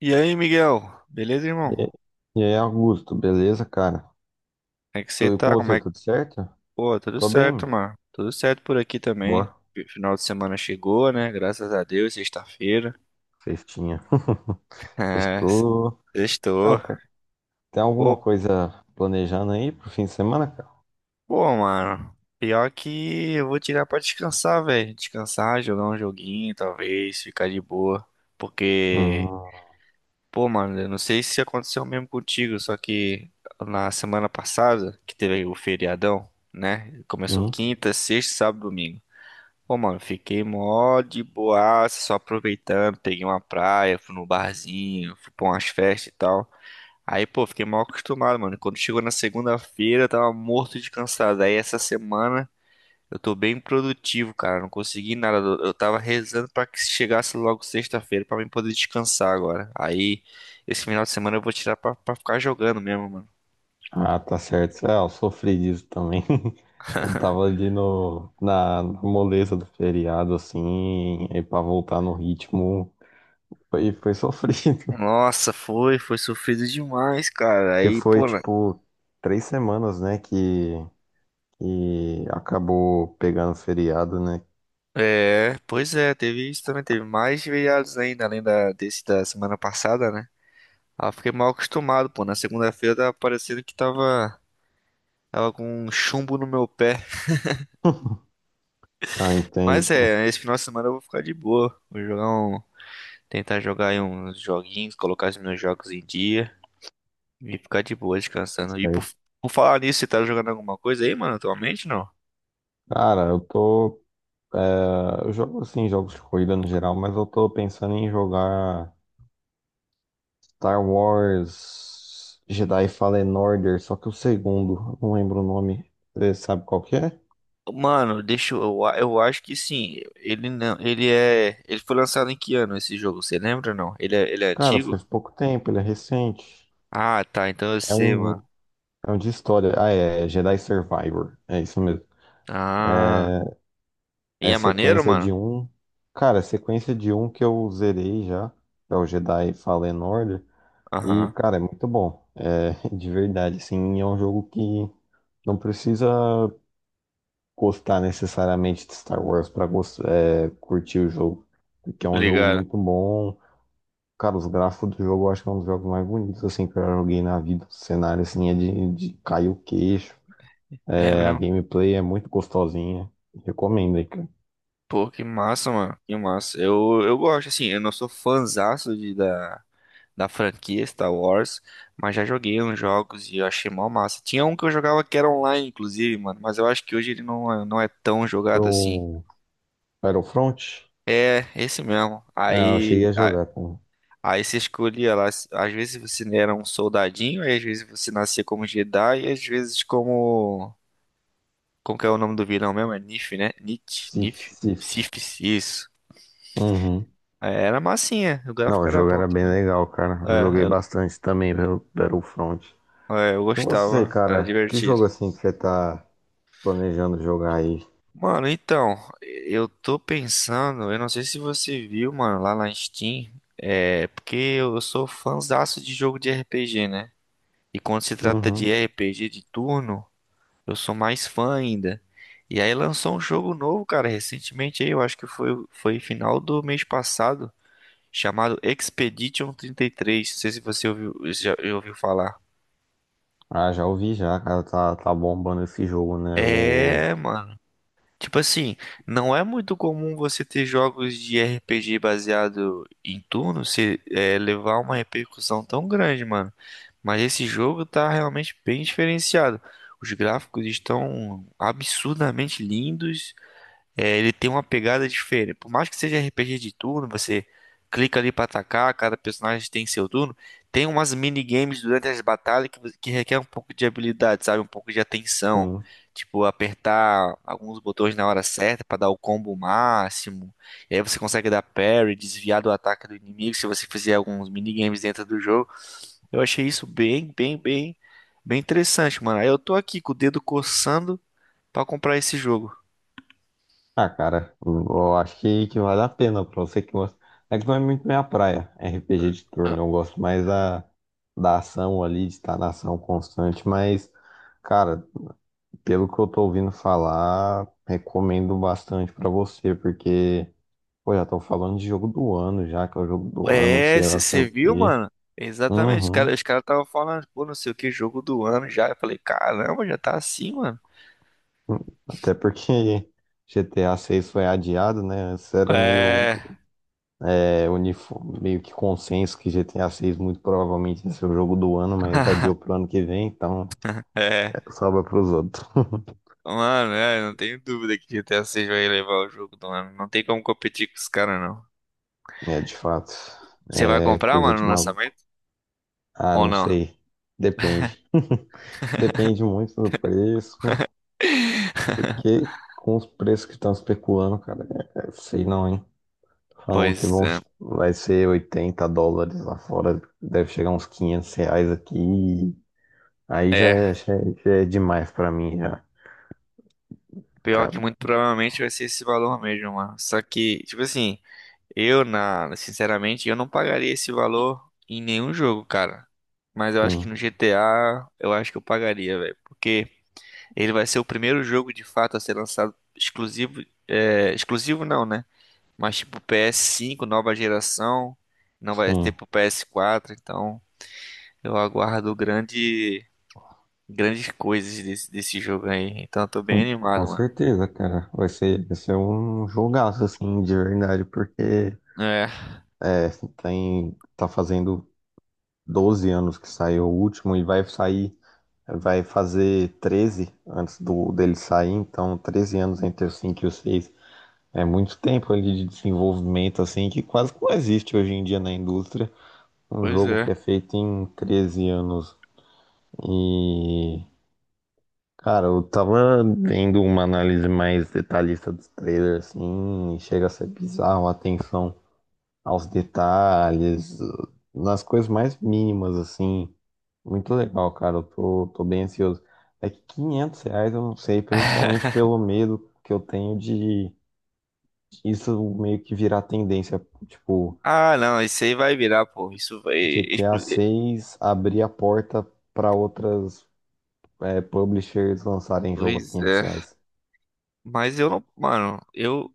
E aí, Miguel? Beleza, irmão? E Como aí, e aí, Augusto, beleza, cara? é que Tô você aí com tá? Como você, é que... tudo certo? Pô, tudo Tô bem, certo, mano. mano. Tudo certo por aqui também. Boa, Final de semana chegou, né? Graças a Deus, sexta-feira. festinha. É, Estou. Então, sextou. cara, tem alguma Pô, coisa planejando aí pro fim de semana, cara? pô, mano. Pior que eu vou tirar pra descansar, velho. Descansar, jogar um joguinho, talvez, ficar de boa. Porque, Hum, pô, mano, eu não sei se aconteceu mesmo contigo, só que na semana passada, que teve o feriadão, né? Começou hum. quinta, sexta, sábado, domingo. Pô, mano, fiquei mó de boaça, só aproveitando, peguei uma praia, fui no barzinho, fui pra umas festas e tal. Aí, pô, fiquei mal acostumado, mano. Quando chegou na segunda-feira, eu tava morto de cansado. Aí, essa semana, eu tô bem produtivo, cara. Não consegui nada. Eu tava rezando pra que chegasse logo sexta-feira pra mim poder descansar agora. Aí, esse final de semana eu vou tirar pra, pra ficar jogando mesmo, mano. Ah, tá certo. Ah, eu sofri disso também. Eu tava ali no, na, na moleza do feriado, assim, e pra voltar no ritmo, foi sofrido. Nossa, foi, foi sofrido demais, cara. Que Aí, foi, pô, tipo, 3 semanas, né, que acabou pegando feriado, né? é, pois é, teve isso também, teve mais feriados ainda, além da, desse da semana passada, né? Ah, fiquei mal acostumado, pô. Na segunda-feira tava parecendo que tava, tava com um chumbo no meu pé. Ah, entendo, Mas pô. é, esse final de semana eu vou ficar de boa. Vou jogar um, tentar jogar aí uns joguinhos, colocar os meus jogos em dia e ficar de boa descansando. E Certo. por falar nisso, você tá jogando alguma coisa aí, mano, atualmente, não? Cara, eu tô. É, eu jogo assim, jogos de corrida no geral, mas eu tô pensando em jogar Star Wars Jedi Fallen Order, só que o segundo, eu não lembro o nome. Você sabe qual que é? Mano, deixa eu acho que sim. Ele não, ele é, ele foi lançado em que ano esse jogo? Você lembra ou não? Ele é Cara, antigo? faz pouco tempo, ele é recente. Ah, tá, então eu É sei, mano. um, é um de história. Ah, é Jedi Survivor. É isso mesmo. Ah, e É é maneiro, sequência mano? de um. Cara, é sequência de um que eu zerei já, que é o Jedi Fallen Order. E, Aham, cara, é muito bom. É, de verdade, assim, é um jogo que não precisa gostar necessariamente de Star Wars para curtir o jogo, porque é tô um jogo ligado. muito bom. Cara, os gráficos do jogo eu acho que é um dos jogos mais bonitos assim que eu já joguei na vida. O cenário assim é de cair o queixo. É É, a mesmo? gameplay é muito gostosinha. Recomendo aí, cara. Pô, que massa, mano. Que massa. Eu gosto, assim, eu não sou fãzaço de, da, da franquia Star Wars, mas já joguei uns jogos e eu achei mó massa. Tinha um que eu jogava que era online, inclusive, mano, mas eu acho que hoje ele não, não é tão jogado assim. Pro Battlefront, É, esse mesmo. é, eu cheguei a jogar com Aí você escolhia lá, às vezes você era um soldadinho, aí às vezes você nascia como Jedi, e às vezes como... Como que é o nome do vilão mesmo? É Nif, né? Nit, Sif, Nif, Sif. Sif, isso. Uhum. É, era massinha, o Não, gráfico o era jogo bom era bem também. legal, cara. Eu joguei É, bastante também pelo Battlefront. É, eu E você, gostava, era cara, que divertido. jogo assim que você tá planejando jogar aí? Mano, então, eu tô pensando, eu não sei se você viu, mano, lá na Steam, é, porque eu sou fãzaço de jogo de RPG, né? E quando se trata de Uhum. RPG de turno, eu sou mais fã ainda. E aí lançou um jogo novo, cara, recentemente aí, eu acho que foi, foi final do mês passado, chamado Expedition 33. Não sei se você ouviu, já ouviu falar. Ah, já ouvi já, cara. Tá bombando esse jogo, né? O. É, mano, tipo assim, não é muito comum você ter jogos de RPG baseado em turno se é, levar uma repercussão tão grande, mano. Mas esse jogo tá realmente bem diferenciado. Os gráficos estão absurdamente lindos, é, ele tem uma pegada diferente. Por mais que seja RPG de turno, você clica ali pra atacar, cada personagem tem seu turno. Tem umas minigames durante as batalhas que que requer um pouco de habilidade, sabe? Um pouco de atenção. Sim. Tipo, apertar alguns botões na hora certa pra dar o combo máximo. E aí você consegue dar parry, desviar do ataque do inimigo se você fizer alguns minigames dentro do jogo. Eu achei isso bem interessante, mano. Aí eu tô aqui com o dedo coçando pra comprar esse jogo. Ah, cara, eu acho que vale a pena pra você que gosta. É que não é muito minha praia, RPG de turno. Eu gosto mais da ação ali, de estar na ação constante. Mas, cara, pelo que eu tô ouvindo falar, recomendo bastante pra você, porque. Pô, já estão falando de jogo do ano já, que é o jogo do ano, É, sei lá, sei você o viu, quê. mano? Exatamente, cara, Uhum. os caras estavam falando, pô, não sei o que, jogo do ano já. Eu falei, caramba, já tá assim, mano. Até porque GTA 6 foi adiado, né? Antes era É, meio que consenso que GTA 6 muito provavelmente ia ser o jogo do ano, mas adiou pro ano que vem, então é. é, sobra pros outros. Mano, é, não tenho dúvida que GTA 6 vai levar o jogo do ano. Não tem como competir com os caras, não. É, de fato. Você vai É comprar, coisa mano, de no maluco. lançamento? Ah, Ou não não? sei. Depende. Depende muito do preço, porque com os preços que estão especulando, cara, é, sei não, hein? Falam que Pois é. vai ser US$ 80 lá fora, deve chegar uns R$ 500 aqui. Aí já É, é, já é, já é demais pra mim, já, pior cara. que muito provavelmente vai ser esse valor mesmo, mano. Só que, tipo assim, eu, na, sinceramente, eu não pagaria esse valor em nenhum jogo, cara. Mas eu acho que Sim, no GTA, eu acho que eu pagaria, velho. Porque ele vai ser o primeiro jogo de fato a ser lançado exclusivo. É, exclusivo não, né? Mas tipo PS5, nova geração. Não vai ter sim. pro PS4. Então eu aguardo grande, grandes coisas desse, desse jogo aí. Então eu tô bem Com animado, mano. certeza, cara. Vai ser um jogaço, assim, de verdade, porque É, é, tá fazendo 12 anos que saiu o último e vai sair, vai fazer 13 antes do dele sair, então 13 anos entre o 5 e o 6. É muito tempo ali de desenvolvimento assim que quase não existe hoje em dia na indústria. Um pois jogo é. que é feito em 13 anos. E, cara, eu tava vendo uma análise mais detalhista dos trailers, assim, e chega a ser bizarro a atenção aos detalhes, nas coisas mais mínimas, assim. Muito legal, cara. Eu tô bem ansioso. É que R$ 500 eu não sei, principalmente pelo medo que eu tenho de isso meio que virar tendência. Tipo, Ah, não, isso aí vai virar, pô. Isso vai. GTA 6 abrir a porta para outras publishers lançarem jogo a Pois 500 é. reais. Mas eu não, mano, eu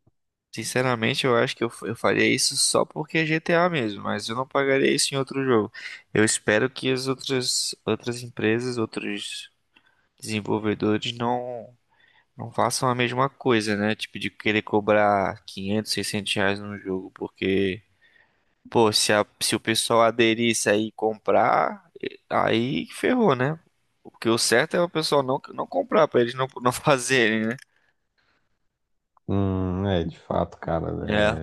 sinceramente eu acho que eu faria isso só porque é GTA mesmo, mas eu não pagaria isso em outro jogo. Eu espero que as outras empresas, outros desenvolvedores não façam a mesma coisa, né? Tipo de querer cobrar 500, R$ 600 num jogo, porque pô, se a, se o pessoal aderisse aí e comprar, aí ferrou, né? Porque o certo é o pessoal não comprar pra eles não fazerem, né? É, de fato, cara, É,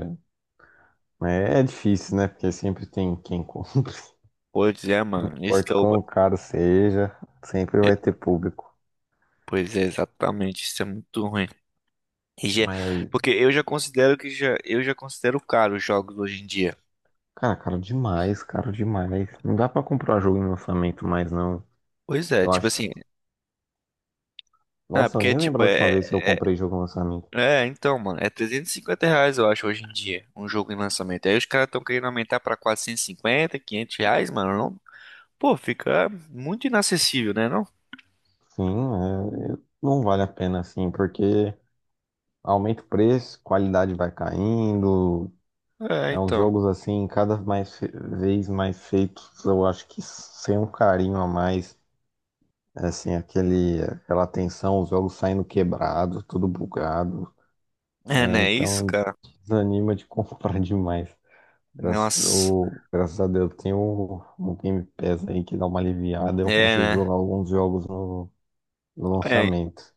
é difícil, né? Porque sempre tem quem compre. pois é, Não mano. Esse que importa é o quão caro seja, sempre vai ter é, público. pois é, exatamente, isso é muito ruim. E já- Mas, Porque eu já considero que já, eu já considero caro os jogos hoje em dia. cara, caro demais, caro demais. Não dá pra comprar jogo em lançamento mais, não. Pois é, Eu tipo acho assim, que, não, é nossa, eu porque nem lembro tipo, a última é, vez que eu comprei jogo em lançamento. é, é, então, mano, é R$ 350, eu acho, hoje em dia, um jogo em lançamento. Aí os caras estão querendo aumentar pra R$ 450 R$ 500, mano, não, pô, fica muito inacessível, né, não? Sim, é, não vale a pena, assim, porque aumenta o preço, qualidade vai caindo. É, É uns então, jogos assim, cada vez mais feitos, eu acho que sem um carinho a mais. É, assim, aquela tensão, os jogos saindo quebrados, tudo bugado. é, É, né, isso, então cara, desanima de comprar demais. Graças, nossa, o, graças a Deus tem o Game Pass aí que dá uma aliviada, eu é, consigo né, jogar alguns jogos no é, lançamento.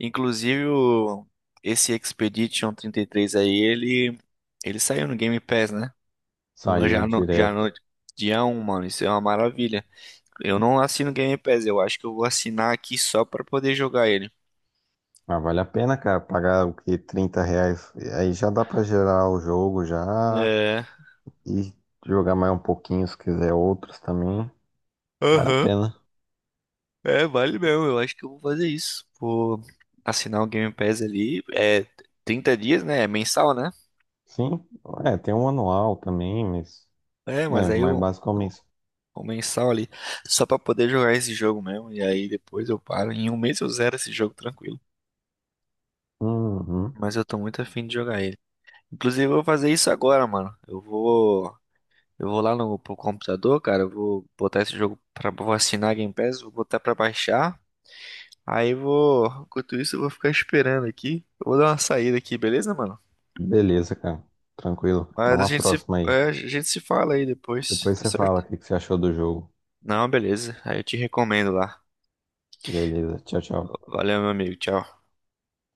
inclusive, o, esse Expedition 33 aí, ele saiu no Game Pass, né? Saiu Já direto. no dia um mano. Isso é uma maravilha. Eu não assino Game Pass, eu acho que eu vou assinar aqui só pra poder jogar ele. Mas vale a pena, cara, pagar o que? R$ 30. Aí já dá pra gerar o jogo já É. e jogar mais um pouquinho se quiser outros também. Vale a Aham. pena. É, vale mesmo. Eu acho que eu vou fazer isso. Vou assinar o Game Pass ali. É 30 dias, né? É mensal, né? Sim, é, tem um anual também, mas É, mas é aí mais eu. básico é o mês. O mensal ali, só pra poder jogar esse jogo mesmo. E aí depois eu paro. Em um mês eu zero esse jogo tranquilo. Uhum. Mas eu tô muito afim de jogar ele. Inclusive, eu vou fazer isso agora, mano. Eu vou. Eu vou lá no pro computador, cara. Eu vou botar esse jogo pra. Vou assinar a Game Pass, vou botar pra baixar. Aí eu vou. Enquanto isso, eu vou ficar esperando aqui. Eu vou dar uma saída aqui, beleza, mano? Beleza, cara. Tranquilo. Até Mas a uma gente se, próxima aí. é, a gente se fala aí depois, Depois tá você certo? fala o que que você achou do jogo. Não, beleza. Aí eu te recomendo lá. Beleza, tchau, tchau. Valeu, meu amigo. Tchau.